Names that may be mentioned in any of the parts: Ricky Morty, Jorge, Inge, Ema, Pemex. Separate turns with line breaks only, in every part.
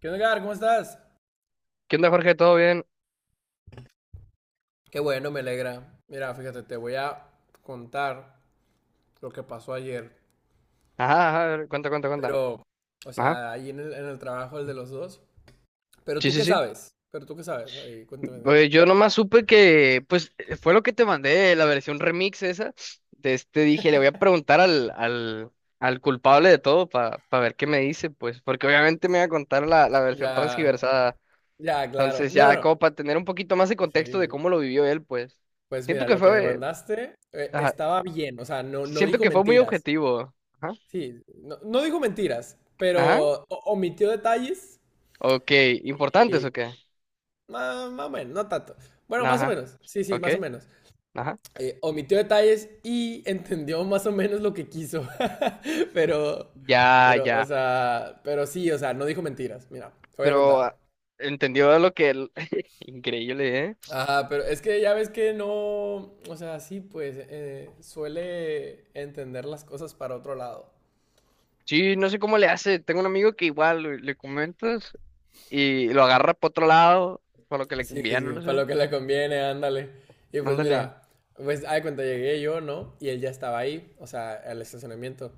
¿Qué onda, Edgar? ¿Cómo estás?
¿Qué onda, Jorge? ¿Todo bien?
Qué bueno, me alegra. Mira, fíjate, te voy a contar lo que pasó ayer.
Ajá, ajá, a ver, cuenta, cuenta, cuenta.
Pero, o
Ajá,
sea, ahí en el trabajo, el de los dos. Pero
sí,
tú
sí,
qué
sí.
sabes. Pero tú qué sabes. Ahí, cuéntame. Nito.
Pues yo nomás supe que, pues, fue lo que te mandé, la versión remix esa. De este dije, le voy a preguntar al culpable de todo para ver qué me dice, pues, porque obviamente me va a contar la versión
Ya,
transgiversada.
ya, claro.
Entonces, ya,
Bueno, no.
como para tener un poquito más de contexto de
Sí.
cómo lo vivió él, pues.
Pues
Siento
mira,
que
lo que me
fue,
mandaste
ajá,
estaba bien. O sea, no, no
siento
dijo
que fue muy
mentiras.
objetivo. Ajá,
Sí, no, no dijo mentiras,
ajá,
pero omitió detalles.
ok, ¿importantes
Y.
o qué?
Más, o menos, no tanto. Bueno, más o
Ajá,
menos. Sí, sí,
ok,
más o menos.
ajá.
Omitió detalles y entendió más o menos lo que quiso. Pero,
Ya,
pero, o
ya.
sea, pero sí, o sea, no dijo mentiras. Mira, te voy a
Pero
contar.
entendió lo que el- Increíble, ¿eh?
Ajá, pero es que ya ves que no, o sea, sí, pues suele entender las cosas para otro lado.
Sí, no sé cómo le hace. Tengo un amigo que igual le comentas y lo agarra por otro lado, por lo que le
Sí,
conviene,
sí,
no
para
sé.
lo que le conviene, ándale. Y pues
Ándale.
mira, pues, ay, cuenta llegué yo, ¿no? Y él ya estaba ahí, o sea, al estacionamiento.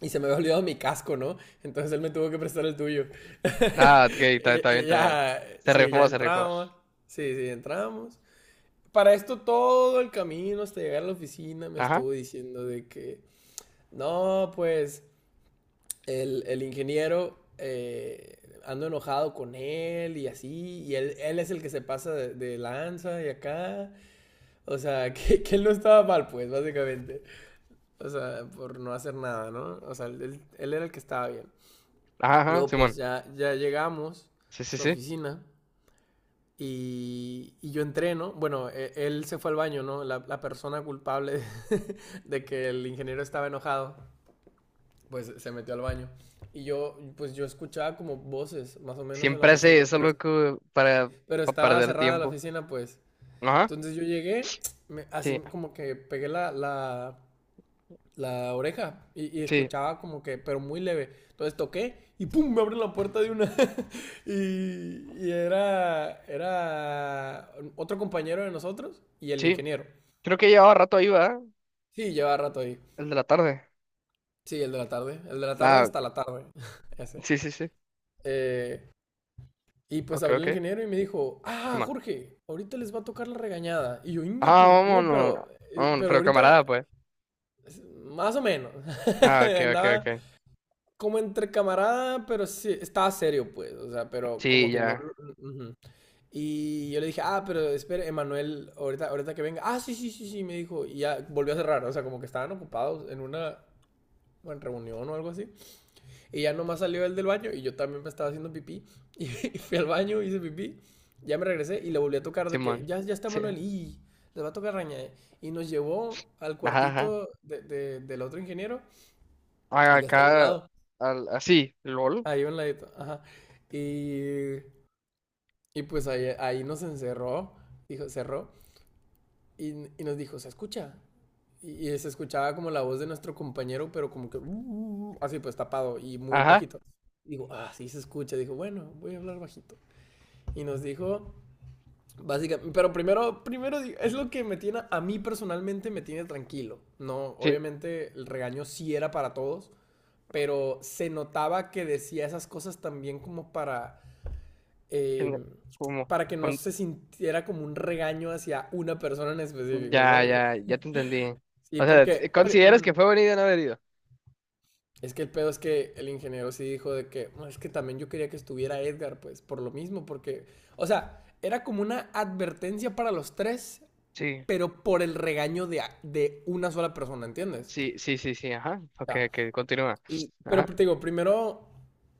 Y se me había olvidado mi casco, ¿no? Entonces él me tuvo que prestar el tuyo.
Ah, ok, está
y,
bien,
y
está bien.
ya,
Se
sí, ya
rifó, se rifó.
entramos. Sí, sí, entramos. Para esto todo el camino hasta llegar a la oficina me
Ajá,
estuvo diciendo de que, no, pues el ingeniero ando enojado con él y así, y él es el que se pasa de lanza y acá. O sea, que él no estaba mal, pues, básicamente. O sea, por no hacer nada, ¿no? O sea, él era el que estaba bien.
ajá, ajá,
Luego pues
Simón.
ya llegamos
Sí,
a
sí,
la
sí.
oficina y yo entreno. Bueno, él se fue al baño, ¿no? La persona culpable de que el ingeniero estaba enojado, pues se metió al baño. Y yo, pues yo escuchaba como voces, más o menos en la
Siempre hace
oficina,
eso,
pero,
loco, para,
pero
para
estaba
perder
cerrada la
tiempo.
oficina, pues.
Ajá,
Entonces yo llegué, así
sí,
como que pegué la oreja y,
sí,
escuchaba como que, pero muy leve. Entonces toqué y ¡pum! Me abren la puerta de una. Y era otro compañero de nosotros y el
sí.
ingeniero.
Creo que llevaba rato ahí, ¿verdad?
Sí, llevaba rato ahí.
El de la tarde.
Sí, el de la tarde. El de la tarde
Ah,
hasta la tarde. Ese.
sí, sí, sí.
Eh, y pues
Ok,
abrió el
ok.
ingeniero y me dijo, ah,
Simón.
Jorge, ahorita les va a tocar la regañada. Y yo, inga
Ah,
tú. No,
vámonos. Vámonos,
pero
pero camarada,
ahorita,
pues.
más o menos.
Ah, ok, ok,
Andaba
ok.
como entre camarada, pero sí, estaba serio, pues, o sea, pero como
Sí,
que no...
ya,
Ujú. Y yo le dije, ah, pero espere, Emanuel, ahorita que venga. Ah, sí, sí, sí, sí, me dijo. Y ya volvió a cerrar, o sea, como que estaban ocupados en una en reunión o algo así. Y ya nomás salió él del baño y yo también me estaba haciendo pipí. Y fui al baño, hice pipí, ya me regresé y le volví a tocar de que
Simón.
ya está
Sí.
Manuel y le va a tocar raña. Y nos llevó al
Ajá, ajá.
cuartito del otro ingeniero,
Ah,
al que está ahí al
acá,
lado.
así, LOL.
Ahí a un ladito, ajá. Y, y pues ahí nos encerró, dijo, cerró, y, y nos dijo, ¿se escucha? Y se escuchaba como la voz de nuestro compañero, pero como que, así pues tapado y muy
Ajá,
bajito. Digo, ah, sí se escucha. Dijo, bueno, voy a hablar bajito. Y nos dijo, básicamente, pero primero, es lo que me tiene, a mí personalmente me tiene tranquilo. No,
sí.
obviamente el regaño sí era para todos, pero se notaba que decía esas cosas también como
en-
eh,
Como,
para que no
con-
se sintiera como un regaño hacia una persona en específico,
ya,
¿sabes?
ya, ya te entendí.
Y
O sea,
porque
¿consideras que fue venido o no haber ido?
es que el pedo es que el ingeniero sí dijo de que "No, es que también yo quería que estuviera Edgar, pues por lo mismo, porque, o sea, era como una advertencia para los tres,
Sí,
pero por el regaño de una sola persona, ¿entiendes?
sí, sí, sí, sí, ajá. Ok,
Ya.
ok, continúa.
Y, pero
Ajá,
te digo, primero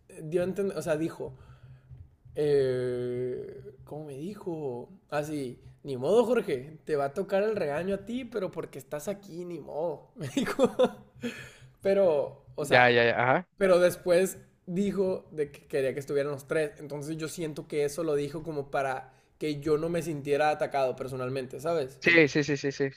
dio a entender, o sea, dijo, ¿Cómo me dijo? Así, ni modo, Jorge, te va a tocar el regaño a ti, pero porque estás aquí, ni modo, me dijo. O
ya, ya,
sea,
ya, ajá.
pero después dijo de que quería que estuvieran los tres, entonces yo siento que eso lo dijo como para que yo no me sintiera atacado personalmente, ¿sabes?
Sí, sí, sí, sí, sí.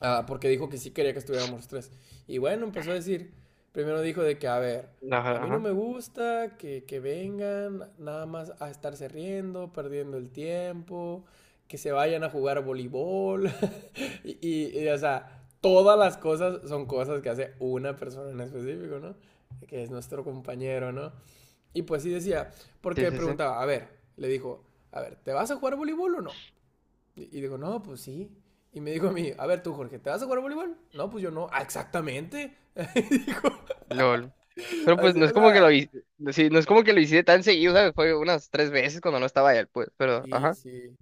Ah, porque dijo que sí quería que estuviéramos los tres. Y bueno, empezó a decir, primero dijo de que, a ver, a
Ajá,
mí no
ajá.
me gusta que vengan nada más a estarse riendo, perdiendo el tiempo, que se vayan a jugar voleibol. Y, o sea, todas las cosas son cosas que hace una persona en específico, ¿no? Que es nuestro compañero, ¿no? Y pues sí decía,
Sí,
porque
sí, sí.
preguntaba, a ver, le dijo, a ver, ¿te vas a jugar voleibol o no? Y digo, no, pues sí. Y me dijo a mí, a ver tú, Jorge, ¿te vas a jugar a voleibol? No, pues yo no. Ah, exactamente. Y dijo,
LOL. Pero pues
así,
no
o
es como
sea,
que lo hice, sí, no es como que lo hice tan seguido, ¿sabes? Fue unas tres veces cuando no estaba él, pues, pero,
sí,
ajá.
sí.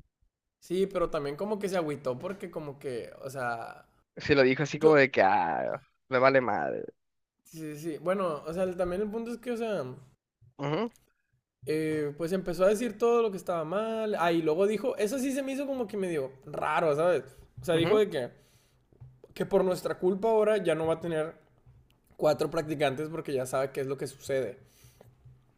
Sí, pero también como que se agüitó porque como que, o sea,
Sí, lo dijo así como
yo,
de que, ah, me vale madre.
sí, sí, sí. Bueno, o sea, también el punto es que, o sea,
Ujú,
pues empezó a decir todo lo que estaba mal. Ah, y luego dijo, eso sí se me hizo como que medio raro, ¿sabes? O sea, dijo
ujú.
de que por nuestra culpa ahora ya no va a tener cuatro practicantes porque ya sabe qué es lo que sucede.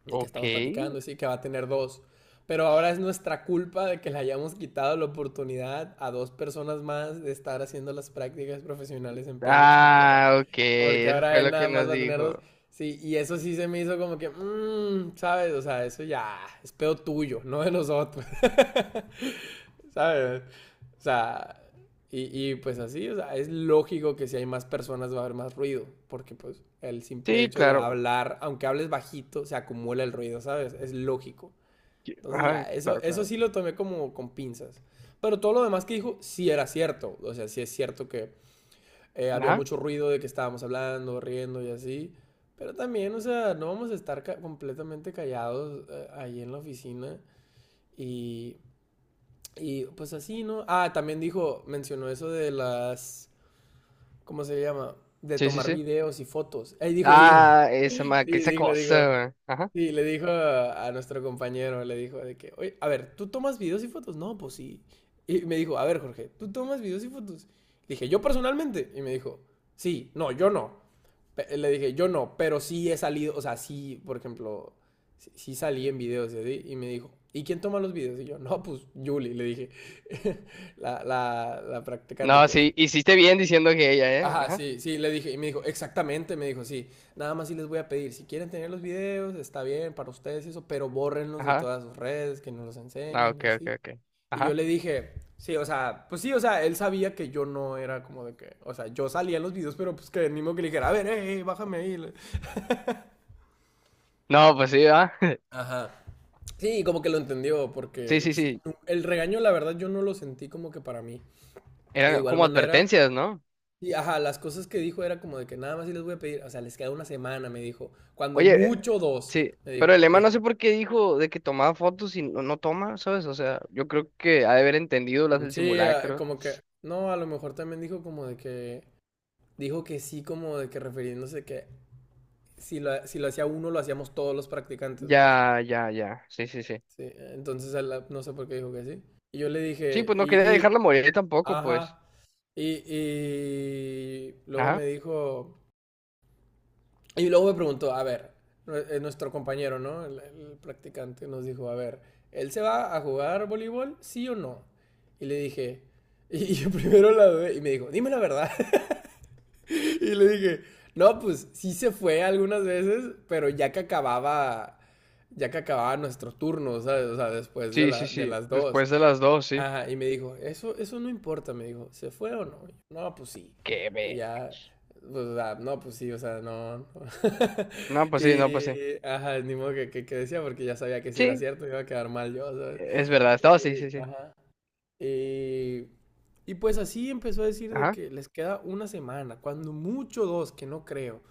Y que
Ok.
estamos platicando, y sí, que va a tener dos. Pero ahora es nuestra culpa de que le hayamos quitado la oportunidad a dos personas más de estar haciendo las prácticas profesionales en Pemex, porque ahora,
Ah, ok.
porque
Eso
ahora
fue
él
lo
nada
que
más
nos
va a tener dos.
dijo.
Sí, y eso sí se me hizo como que, ¿sabes? O sea, eso ya es pedo tuyo, no de nosotros. ¿Sabes? O sea, y, pues así, o sea, es lógico que si hay más personas va a haber más ruido, porque pues el simple
Sí,
hecho de
claro.
hablar, aunque hables bajito, se acumula el ruido, ¿sabes? Es lógico. Entonces
Ajá,
ya, eso,
claro,
eso
claro.
sí lo tomé como con pinzas. Pero todo lo demás que dijo sí era cierto. O sea, sí es cierto que había
Ajá.
mucho ruido de que estábamos hablando, riendo y así. Pero también, o sea, no vamos a estar ca completamente callados ahí en la oficina. Y y pues así, ¿no? Ah, también dijo, mencionó eso de las, ¿cómo se llama? De
Sí, sí,
tomar
sí.
videos y fotos. Ahí dijo, y dijo,
Ah,
sí,
que esa
dijo.
cosa. Ajá.
Sí, le dijo a nuestro compañero, le dijo de que, oye, a ver, ¿tú tomas videos y fotos? No, pues sí. Y me dijo, a ver, Jorge, ¿tú tomas videos y fotos? Le dije, yo personalmente. Y me dijo, sí, no, yo no. Le dije, yo no, pero sí he salido, o sea, sí, por ejemplo, sí, sí salí en videos y así. Y me dijo, ¿y quién toma los videos? Y yo, no, pues Julie, le dije, la practicante,
No,
pues.
sí, hiciste bien diciendo que ella, ¿eh?
Ajá,
Ajá.
sí, sí, le dije, y me dijo, exactamente, me dijo, sí, nada más sí les voy a pedir, si quieren tener los videos, está bien para ustedes y eso, pero bórrenlos de
Ajá.
todas sus redes, que nos los
Ah,
enseñen y
ok, ok,
así.
ok.
Y yo
Ajá.
le dije, sí, o sea, pues sí, o sea, él sabía que yo no era como de que, o sea, yo salía en los videos, pero pues que el mismo que le dijera, a ver, hey, bájame ahí.
No, pues sí, ah.
Ajá. Sí, como que lo entendió,
Sí,
porque
sí,
sí,
sí.
el regaño, la verdad, yo no lo sentí como que para mí. De
Eran
igual
como
manera,
advertencias, ¿no?
y ajá, las cosas que dijo era como de que nada más sí les voy a pedir, o sea, les queda una semana, me dijo. Cuando
Oye,
mucho dos,
sí,
me
pero
dijo,
el Ema no
dijo.
sé por qué dijo de que tomaba fotos y no, no toma, ¿sabes? O sea, yo creo que ha de haber entendido las
Mm,
del
sí, ah,
simulacro.
como que, no, a lo mejor también dijo como de que, dijo que sí, como de que refiriéndose que si lo hacía uno, lo hacíamos todos los practicantes, pues.
Ya, ya, ya. Sí, sí, sí.
Sí, entonces no sé por qué dijo que sí. Y yo le
Sí,
dije,
pues no quería
y,
dejarla morir tampoco, pues.
ajá. Y luego
Ajá.
me dijo, y luego me preguntó, a ver, nuestro compañero, ¿no? El practicante nos dijo, a ver, ¿él se va a jugar voleibol? ¿Sí o no? Y le dije, y yo primero la dudé, y me dijo, dime la verdad. Y le dije, no, pues sí se fue algunas veces, pero ya que acababa nuestro turno, ¿sabes? O sea, después de,
Sí,
la,
sí,
de
sí.
las dos.
Después de las dos, sí.
Ajá, y me dijo, eso no importa, me dijo, ¿se fue o no? Y yo, no, pues sí.
Qué
Y
ver.
ya, pues, o sea, no, pues sí, o sea, no. No".
No, pues sí, no, pues sí.
Y, ajá, ni modo que decía, porque ya sabía que si era
Sí,
cierto iba a quedar mal yo, ¿sabes?
es verdad. Estaba, sí, sí,
Y,
sí.
ajá. Y, y pues así empezó a decir de
Ajá.
que les queda una semana, cuando mucho dos, que no creo.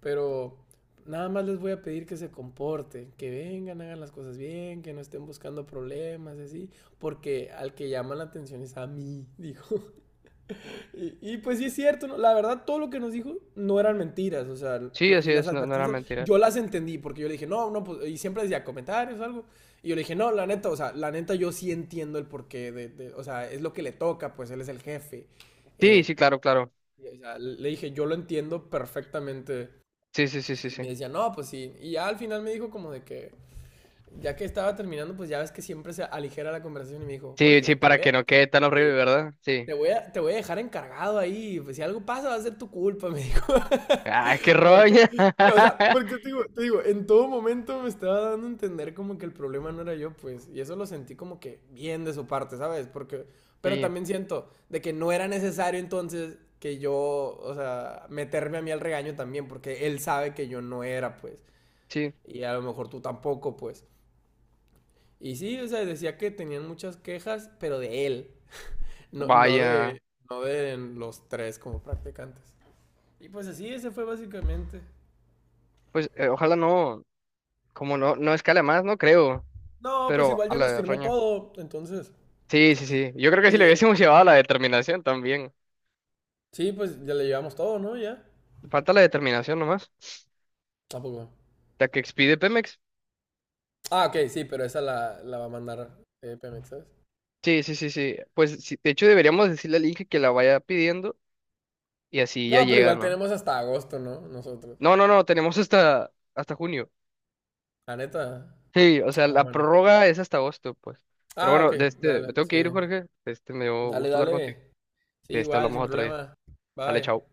Pero nada más les voy a pedir que se comporten, que vengan, hagan las cosas bien, que no estén buscando problemas, así, porque al que llama la atención es a mí, dijo. Y pues sí es cierto, ¿no? La verdad todo lo que nos dijo no eran mentiras, o sea,
Sí,
y
así
las
es, no, no era
advertencias
mentira.
yo las entendí, porque yo le dije, no, no, pues, y siempre decía comentarios o algo, y yo le dije, no, la neta, o sea, la neta yo sí entiendo el porqué, de o sea, es lo que le toca, pues él es el jefe.
Sí,
Eh,
sí, claro, claro.
y, o sea, le dije, yo lo entiendo perfectamente
Sí, sí, sí, sí,
y me
sí.
decía, no, pues sí. Y ya al final me dijo como de que, ya que estaba terminando, pues ya ves que siempre se aligera la conversación y me dijo,
Sí,
Jorge,
sí, para que no quede tan horrible,
te-
¿verdad? Sí.
te voy a dejar encargado ahí. Pues si algo pasa va a ser tu culpa, me dijo.
Ay, qué
Porque,
roña.
o sea, porque te digo, en todo momento me estaba dando a entender como que el problema no era yo, pues. Y eso lo sentí como que bien de su parte, ¿sabes? Porque, pero
sí
también siento de que no era necesario entonces que yo, o sea, meterme a mí al regaño también, porque él sabe que yo no era, pues
Sí.
y a lo mejor tú tampoco, pues. Y sí, o sea, decía que tenían muchas quejas, pero de él, no, no
Vaya,
de, no de los tres como practicantes. Y pues así, ese fue básicamente.
pues ojalá no, como no, no escala más, no creo,
No, pues
pero
igual
a
ya
la
nos
de
firmó
roña.
todo, entonces.
Sí, sí, sí. Yo creo que si
Sí,
le hubiésemos llevado a la determinación también.
sí, pues ya le llevamos todo, ¿no? Ya.
Falta la determinación nomás.
Tampoco.
La que expide Pemex.
Ah, ok, sí, pero esa la va a mandar Pemex, ¿sabes?
Sí, sí, sí, sí. Pues sí, de hecho deberíamos decirle al Inge que la vaya pidiendo y así ya
No, pero
llega,
igual
¿no?
tenemos hasta agosto, ¿no? Nosotros.
No, no, no, tenemos hasta, junio.
La neta.
Sí, o sea,
Ah,
la
bueno.
prórroga es hasta agosto, pues. Pero
Ah, ok,
bueno, de este,
dale,
me tengo
sí.
que ir, Jorge. Este, me dio
Dale,
gusto hablar contigo.
dale. Sí,
De este
igual,
hablamos
sin
otro día.
problema.
Sale,
Bye.
chao.